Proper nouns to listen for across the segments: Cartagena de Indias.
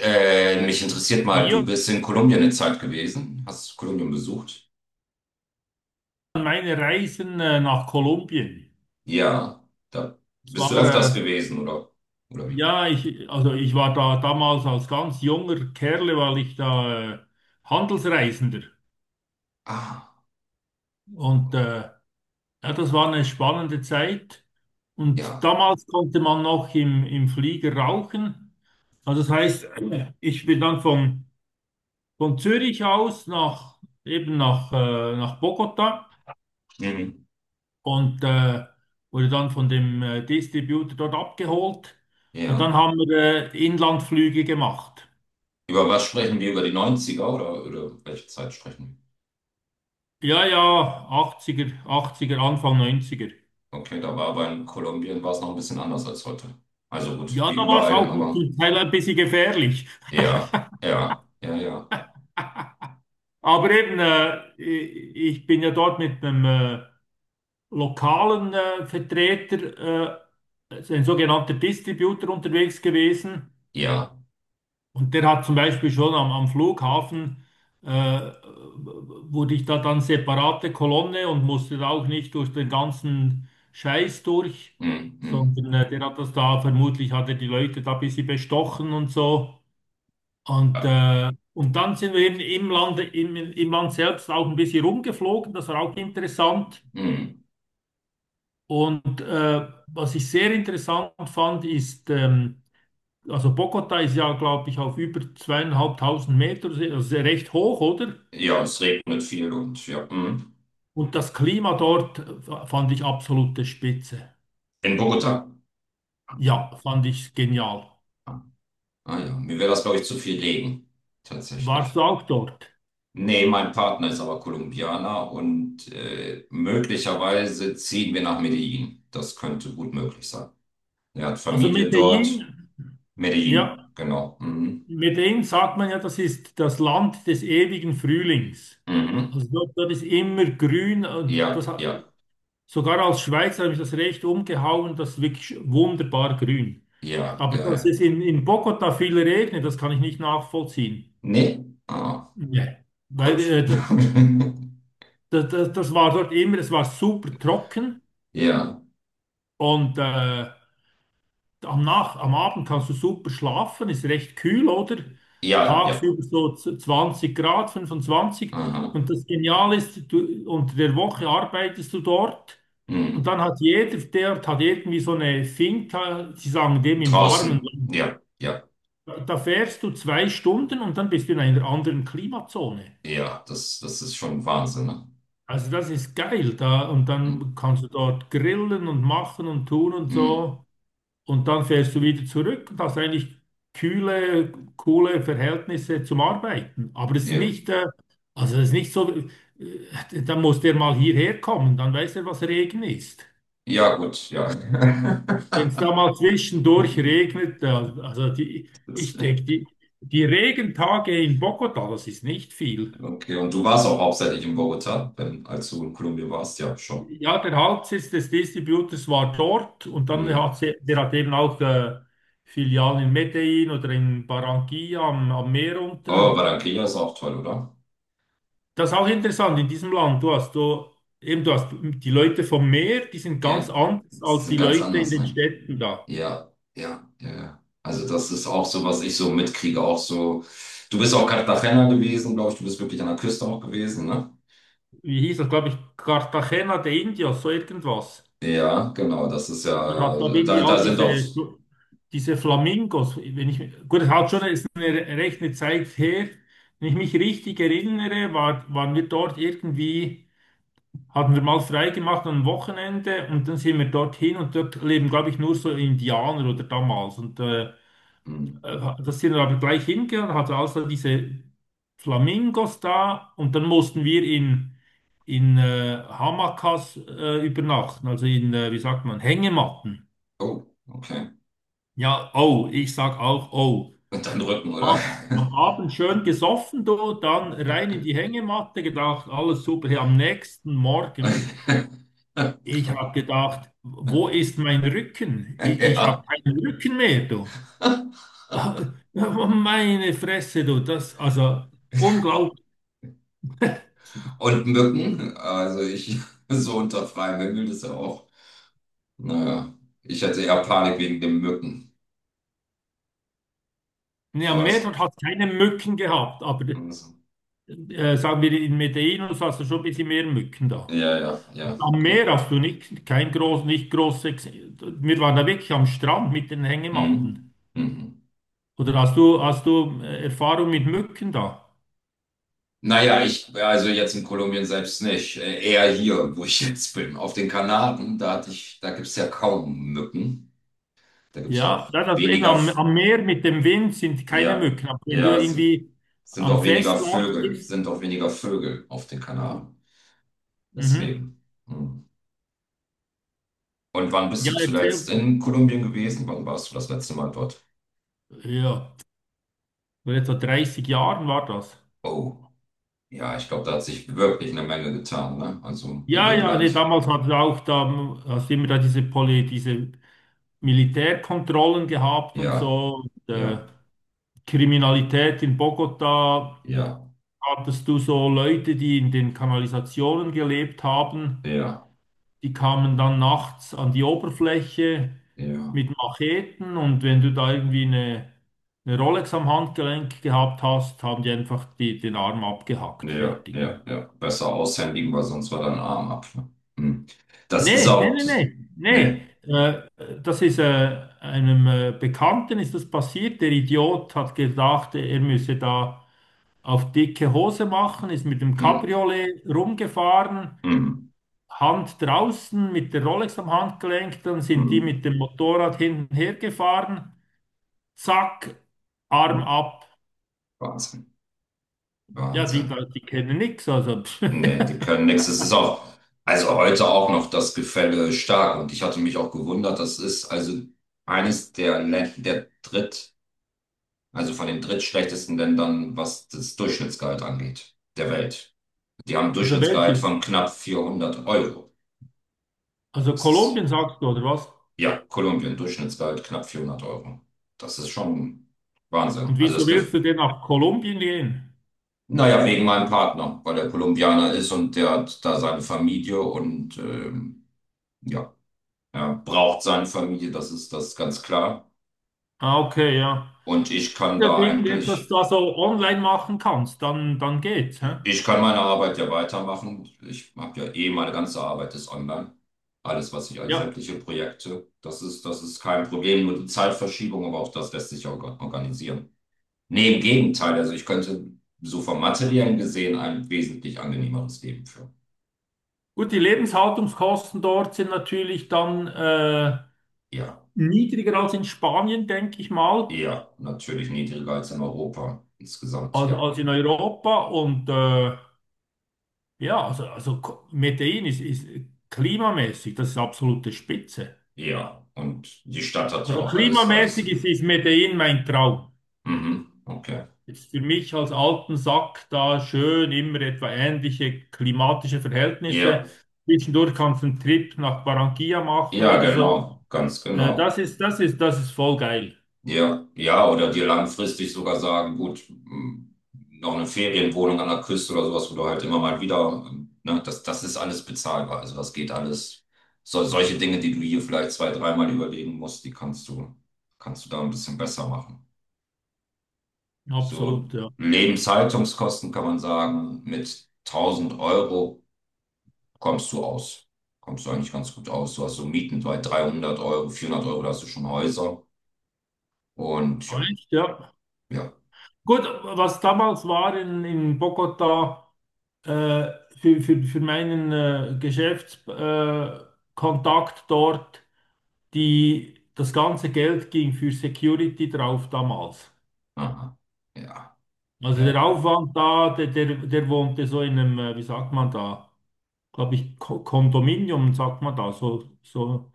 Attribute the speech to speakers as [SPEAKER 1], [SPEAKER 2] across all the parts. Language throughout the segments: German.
[SPEAKER 1] Mich interessiert mal, du
[SPEAKER 2] Ja,
[SPEAKER 1] bist in Kolumbien eine Zeit gewesen, hast Kolumbien besucht?
[SPEAKER 2] meine Reisen nach Kolumbien.
[SPEAKER 1] Ja, da
[SPEAKER 2] Es
[SPEAKER 1] bist du
[SPEAKER 2] war,
[SPEAKER 1] öfters gewesen, oder? Oder wie?
[SPEAKER 2] ja, also ich war da damals als ganz junger Kerle, weil ich da Handelsreisender.
[SPEAKER 1] Ah,
[SPEAKER 2] Und äh, ja, das war eine spannende Zeit. Und
[SPEAKER 1] ja.
[SPEAKER 2] damals konnte man noch im Flieger rauchen. Also das heißt, ich bin dann von Zürich aus nach, eben nach, nach Bogota,
[SPEAKER 1] Mhm.
[SPEAKER 2] und wurde dann von dem Distributor dort abgeholt. Und
[SPEAKER 1] Ja.
[SPEAKER 2] dann haben wir Inlandflüge gemacht.
[SPEAKER 1] Über was sprechen wir? Über die Neunziger oder, welche Zeit sprechen
[SPEAKER 2] Ja, ja, 80er, 80er, Anfang 90er.
[SPEAKER 1] wir? Okay, da war aber in Kolumbien war es noch ein bisschen anders als heute. Also gut,
[SPEAKER 2] Ja,
[SPEAKER 1] wie
[SPEAKER 2] da war es
[SPEAKER 1] überall,
[SPEAKER 2] auch
[SPEAKER 1] aber
[SPEAKER 2] zum Teil ein bisschen gefährlich.
[SPEAKER 1] ja, ja, ja, ja,
[SPEAKER 2] Aber eben, ich bin ja dort mit einem lokalen Vertreter, ein sogenannter Distributor, unterwegs gewesen.
[SPEAKER 1] ja.
[SPEAKER 2] Und der hat zum Beispiel schon am Flughafen, äh, wurde ich da dann separate Kolonne und musste da auch nicht durch den ganzen Scheiß durch,
[SPEAKER 1] Mhm. Mhm.
[SPEAKER 2] sondern der hat das da, vermutlich hat er die Leute da ein bisschen bestochen und so.
[SPEAKER 1] Ja,
[SPEAKER 2] Und dann sind wir eben im Land, im Land selbst auch ein bisschen rumgeflogen, das war auch interessant.
[SPEAKER 1] mhm.
[SPEAKER 2] Und was ich sehr interessant fand, ist, also Bogota ist ja, glaube ich, auf über zweieinhalbtausend Meter, also recht hoch, oder?
[SPEAKER 1] Ja, es regnet viel und ja. Mhm.
[SPEAKER 2] Und das Klima dort fand ich absolute Spitze.
[SPEAKER 1] In Bogota.
[SPEAKER 2] Ja, fand ich genial.
[SPEAKER 1] Ah ja, mir wäre das, glaube ich, zu viel Legen,
[SPEAKER 2] Warst du
[SPEAKER 1] tatsächlich.
[SPEAKER 2] auch dort?
[SPEAKER 1] Nee, mein Partner ist aber Kolumbianer und möglicherweise ziehen wir nach Medellin. Das könnte gut möglich sein. Er hat
[SPEAKER 2] Also
[SPEAKER 1] Familie dort.
[SPEAKER 2] Medellin, ja,
[SPEAKER 1] Medellin, genau. Mhm.
[SPEAKER 2] Medellin sagt man ja, das ist das Land des ewigen Frühlings. Also
[SPEAKER 1] Mhm.
[SPEAKER 2] dort, dort ist immer grün, und das
[SPEAKER 1] Ja,
[SPEAKER 2] hat,
[SPEAKER 1] ja,
[SPEAKER 2] sogar als Schweizer, habe ich das recht umgehauen, das ist wirklich wunderbar grün.
[SPEAKER 1] ja,
[SPEAKER 2] Aber
[SPEAKER 1] ja,
[SPEAKER 2] dass
[SPEAKER 1] ja.
[SPEAKER 2] es in Bogota viel regnet, das kann ich nicht nachvollziehen.
[SPEAKER 1] Nee, ah,
[SPEAKER 2] Nee. Weil
[SPEAKER 1] Gott.
[SPEAKER 2] das war dort immer, es war super trocken
[SPEAKER 1] Ja,
[SPEAKER 2] und am Abend kannst du super schlafen, ist recht kühl, oder?
[SPEAKER 1] ja, ja.
[SPEAKER 2] Tagsüber so 20 Grad, fünfundzwanzig.
[SPEAKER 1] Aha.
[SPEAKER 2] Und das Geniale ist, du, unter der Woche arbeitest du dort, und dann
[SPEAKER 1] Mhm.
[SPEAKER 2] hat jeder, der hat irgendwie so eine Finca, sie sagen dem im warmen
[SPEAKER 1] Draußen.
[SPEAKER 2] Land.
[SPEAKER 1] Ja, ja,
[SPEAKER 2] Da fährst du zwei Stunden und dann bist du in einer anderen Klimazone.
[SPEAKER 1] ja. Das ist schon Wahnsinn, ne?
[SPEAKER 2] Also das ist geil da, und
[SPEAKER 1] Mhm.
[SPEAKER 2] dann kannst du dort grillen und machen und tun und
[SPEAKER 1] Mhm.
[SPEAKER 2] so, und dann fährst du wieder zurück und hast eigentlich kühle, coole Verhältnisse zum Arbeiten. Aber es ist
[SPEAKER 1] Ja.
[SPEAKER 2] nicht, also es ist nicht so, dann muss der mal hierher kommen, dann weiß er, was Regen ist.
[SPEAKER 1] Ja, gut, ja.
[SPEAKER 2] Wenn es da mal zwischendurch regnet, also
[SPEAKER 1] Das-
[SPEAKER 2] ich denke, die Regentage in Bogota, das ist nicht viel.
[SPEAKER 1] Okay, und du warst auch hauptsächlich in Bogota, wenn, als du in Kolumbien warst, ja, schon.
[SPEAKER 2] Ja, der Hauptsitz des Distributors war dort, und dann
[SPEAKER 1] Hm.
[SPEAKER 2] hat sie, der hat eben auch Filialen in Medellin oder in Barranquilla am Meer
[SPEAKER 1] Oh,
[SPEAKER 2] unten.
[SPEAKER 1] Barranquilla ist auch toll, oder?
[SPEAKER 2] Das ist auch interessant in diesem Land. Du hast du eben du hast die Leute vom Meer, die sind ganz
[SPEAKER 1] Ja,
[SPEAKER 2] anders
[SPEAKER 1] die
[SPEAKER 2] als
[SPEAKER 1] sind
[SPEAKER 2] die
[SPEAKER 1] ganz
[SPEAKER 2] Leute in
[SPEAKER 1] anders,
[SPEAKER 2] den
[SPEAKER 1] ne?
[SPEAKER 2] Städten da.
[SPEAKER 1] Ja, ja, ja, ja. Also das ist auch so, was ich so mitkriege, auch so. Du bist auch Cartagena gewesen, glaube ich, du bist wirklich an der Küste auch gewesen, ne?
[SPEAKER 2] Wie hieß das, glaube ich, Cartagena de Indios, so irgendwas.
[SPEAKER 1] Ja, genau, das ist ja,
[SPEAKER 2] Du hast, glaube ich, irgendwie
[SPEAKER 1] da, da sind auch,
[SPEAKER 2] diese Flamingos. Wenn ich, gut, es hat schon, ist eine recht eine Zeit her. Wenn ich mich richtig erinnere, waren wir dort irgendwie, hatten wir mal frei gemacht am Wochenende, und dann sind wir dorthin, und dort leben, glaube ich, nur so Indianer oder damals.
[SPEAKER 1] hm.
[SPEAKER 2] Das sind wir aber gleich hingegangen, hatte also diese Flamingos da, und dann mussten wir in Hamakas übernachten, also in, wie sagt man, Hängematten.
[SPEAKER 1] Oh, okay.
[SPEAKER 2] Ja, oh, ich sag auch oh.
[SPEAKER 1] Und dein Rücken, oder?
[SPEAKER 2] Am Abend schön gesoffen, du, dann rein in die Hängematte gedacht, alles super. Hey, am nächsten Morgen, ich habe gedacht, wo ist mein Rücken? Ich habe
[SPEAKER 1] Ja.
[SPEAKER 2] keinen Rücken mehr, du. Meine Fresse, du, das, also unglaublich.
[SPEAKER 1] Und Mücken, also ich, so unter freiem Himmel, das ist ja auch, naja, ich hatte eher Panik wegen den Mücken.
[SPEAKER 2] Ja,
[SPEAKER 1] Aber das,
[SPEAKER 2] Meerwald hat keine Mücken gehabt, aber
[SPEAKER 1] also,
[SPEAKER 2] sagen wir, in Medellin hast du schon ein bisschen mehr Mücken da.
[SPEAKER 1] ja, ja, ja,
[SPEAKER 2] Am
[SPEAKER 1] gut.
[SPEAKER 2] Meer hast du nicht, kein groß, nicht große, wir waren da wirklich am Strand mit den Hängematten.
[SPEAKER 1] Mhm. Mhm.
[SPEAKER 2] Oder hast du Erfahrung mit Mücken da?
[SPEAKER 1] Naja, ich, also jetzt in Kolumbien selbst nicht, eher hier, wo ich jetzt bin. Auf den Kanaren, da hatte ich, da gibt es ja kaum Mücken. Da gibt es
[SPEAKER 2] Ja, ja,
[SPEAKER 1] auch
[SPEAKER 2] das, also eben
[SPEAKER 1] weniger, F-
[SPEAKER 2] am Meer mit dem Wind sind keine
[SPEAKER 1] ja,
[SPEAKER 2] Mücken. Aber wenn du
[SPEAKER 1] ja, es
[SPEAKER 2] irgendwie
[SPEAKER 1] sind
[SPEAKER 2] am
[SPEAKER 1] auch weniger
[SPEAKER 2] Festland
[SPEAKER 1] Vögel,
[SPEAKER 2] bist,
[SPEAKER 1] sind auch weniger Vögel auf den Kanaren.
[SPEAKER 2] mhm.
[SPEAKER 1] Deswegen. Hm. Und wann bist
[SPEAKER 2] Ja,
[SPEAKER 1] du zuletzt
[SPEAKER 2] erzähl,
[SPEAKER 1] in Kolumbien gewesen? Wann warst du das letzte Mal dort?
[SPEAKER 2] ja, vor etwa 30 Jahren war das.
[SPEAKER 1] Oh, ja, ich glaube, da hat sich wirklich eine Menge getan, ne? Also in
[SPEAKER 2] Ja,
[SPEAKER 1] dem
[SPEAKER 2] ja, nee,
[SPEAKER 1] Land.
[SPEAKER 2] damals hat auch da, hast du immer da diese Poly, diese Militärkontrollen gehabt und
[SPEAKER 1] Ja,
[SPEAKER 2] so. Und,
[SPEAKER 1] ja,
[SPEAKER 2] Kriminalität in Bogotá,
[SPEAKER 1] ja,
[SPEAKER 2] hattest du so Leute, die in den Kanalisationen gelebt haben,
[SPEAKER 1] ja,
[SPEAKER 2] die kamen dann nachts an die Oberfläche
[SPEAKER 1] ja,
[SPEAKER 2] mit Macheten, und wenn du da irgendwie eine Rolex am Handgelenk gehabt hast, haben die einfach die, den Arm abgehackt,
[SPEAKER 1] ja,
[SPEAKER 2] fertig.
[SPEAKER 1] ja, ja. Besser aushändigen, weil sonst war dein Arm ab. Ne? Hm. Das ist
[SPEAKER 2] Nee, nee,
[SPEAKER 1] auch.
[SPEAKER 2] nee,
[SPEAKER 1] Das,
[SPEAKER 2] nee,
[SPEAKER 1] nee.
[SPEAKER 2] nee. Äh, das ist einem Bekannten ist das passiert. Der Idiot hat gedacht, er müsse da auf dicke Hose machen, ist mit dem
[SPEAKER 1] Hm,
[SPEAKER 2] Cabriolet rumgefahren,
[SPEAKER 1] hm,
[SPEAKER 2] Hand draußen, mit der Rolex am Handgelenk, dann sind die
[SPEAKER 1] hm,
[SPEAKER 2] mit dem Motorrad hinten hergefahren, zack, Arm
[SPEAKER 1] hm.
[SPEAKER 2] ab.
[SPEAKER 1] Wahnsinn,
[SPEAKER 2] Ja,
[SPEAKER 1] Wahnsinn.
[SPEAKER 2] die kennen nichts, also, pff.
[SPEAKER 1] Nee, die können nichts. Es ist auch, also heute auch noch das Gefälle stark. Und ich hatte mich auch gewundert, das ist also eines der Länder, der dritt, also von den drittschlechtesten Ländern, was das Durchschnittsgehalt angeht, der Welt. Die haben ein
[SPEAKER 2] Also
[SPEAKER 1] Durchschnittsgehalt
[SPEAKER 2] welche?
[SPEAKER 1] von knapp 400 Euro.
[SPEAKER 2] Also
[SPEAKER 1] Das ist,
[SPEAKER 2] Kolumbien sagst du, oder was?
[SPEAKER 1] ja, Kolumbien, Durchschnittsgehalt knapp 400 Euro. Das ist schon Wahnsinn.
[SPEAKER 2] Und
[SPEAKER 1] Also
[SPEAKER 2] wieso
[SPEAKER 1] es
[SPEAKER 2] willst
[SPEAKER 1] gibt,
[SPEAKER 2] du denn nach Kolumbien gehen?
[SPEAKER 1] naja, wegen meinem Partner, weil er Kolumbianer ist und der hat da seine Familie und, ja. Er braucht seine Familie, das ist ganz klar.
[SPEAKER 2] Ah, okay, ja.
[SPEAKER 1] Und ich kann
[SPEAKER 2] Oder wenn du
[SPEAKER 1] da
[SPEAKER 2] irgendetwas
[SPEAKER 1] eigentlich,
[SPEAKER 2] da so online machen kannst, dann, dann geht's, hä?
[SPEAKER 1] ich kann meine Arbeit ja weitermachen. Ich habe ja eh, meine ganze Arbeit ist online. Alles, was ich, alle
[SPEAKER 2] Ja.
[SPEAKER 1] sämtliche Projekte, das ist kein Problem. Nur die Zeitverschiebung, aber auch das lässt sich ja organisieren. Nee, im Gegenteil. Also ich könnte so vom Materiellen gesehen ein wesentlich angenehmeres Leben führen.
[SPEAKER 2] Gut, die Lebenshaltungskosten dort sind natürlich dann
[SPEAKER 1] Ja,
[SPEAKER 2] niedriger als in Spanien, denke ich mal,
[SPEAKER 1] eher natürlich niedriger als in Europa insgesamt, ja.
[SPEAKER 2] als in Europa. Und ja, also Medellin ist klimamäßig, das ist absolute Spitze.
[SPEAKER 1] Ja, und die Stadt hat ja
[SPEAKER 2] Also
[SPEAKER 1] auch alles, alles zu
[SPEAKER 2] klimamäßig
[SPEAKER 1] bieten.
[SPEAKER 2] ist Medellin mein Traum.
[SPEAKER 1] Mhm, okay.
[SPEAKER 2] Jetzt für mich als alten Sack da schön immer etwa ähnliche klimatische Verhältnisse.
[SPEAKER 1] Ja,
[SPEAKER 2] Zwischendurch kannst du einen Trip nach Barranquilla machen
[SPEAKER 1] ja,
[SPEAKER 2] oder so.
[SPEAKER 1] genau, ganz genau.
[SPEAKER 2] Das ist voll geil.
[SPEAKER 1] Ja, ja, oder dir langfristig sogar sagen, gut, m, noch eine Ferienwohnung an der Küste oder sowas, wo du halt immer mal wieder, ne, das ist alles bezahlbar. Also das geht alles. So, solche Dinge, die du hier vielleicht zwei, dreimal überlegen musst, die kannst du da ein bisschen besser machen. So
[SPEAKER 2] Absolut, ja.
[SPEAKER 1] Lebenshaltungskosten kann man sagen, mit 1000 Euro kommst du aus. Kommst du eigentlich ganz gut aus. Du hast so Mieten bei 300 Euro, 400 Euro, da hast du schon Häuser. Und ja,
[SPEAKER 2] Echt? Ja.
[SPEAKER 1] ja,
[SPEAKER 2] Gut, was damals war in Bogota, äh, für meinen Geschäftskontakt Kontakt dort, die, das ganze Geld ging für Security drauf damals.
[SPEAKER 1] aha, ja,
[SPEAKER 2] Also
[SPEAKER 1] ja,
[SPEAKER 2] der
[SPEAKER 1] ja,
[SPEAKER 2] Aufwand da, der wohnte so in einem, wie sagt man da, glaube ich, Kondominium, sagt man da, so, so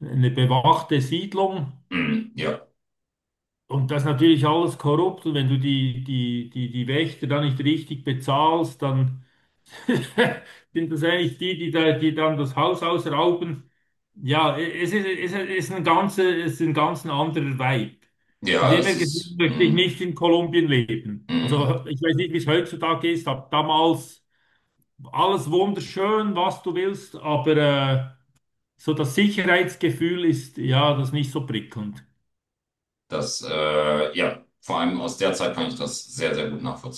[SPEAKER 2] eine bewachte Siedlung.
[SPEAKER 1] mm, ja,
[SPEAKER 2] Und das ist natürlich alles korrupt, und wenn du die Wächter dann nicht richtig bezahlst, dann sind das eigentlich die, die, da, die dann das Haus ausrauben. Ja, es ist ein ganze, es ist ein ganz ein anderer Vibe. Von
[SPEAKER 1] ja,
[SPEAKER 2] dem her
[SPEAKER 1] es
[SPEAKER 2] gesehen
[SPEAKER 1] ist,
[SPEAKER 2] möchte ich
[SPEAKER 1] mm,
[SPEAKER 2] nicht in Kolumbien leben.
[SPEAKER 1] mm,
[SPEAKER 2] Also ich weiß nicht, wie es heutzutage ist, aber damals alles wunderschön, was du willst, aber so das Sicherheitsgefühl ist ja das nicht so prickelnd.
[SPEAKER 1] das, ja, vor allem aus der Zeit kann ich das sehr, sehr gut nachvollziehen.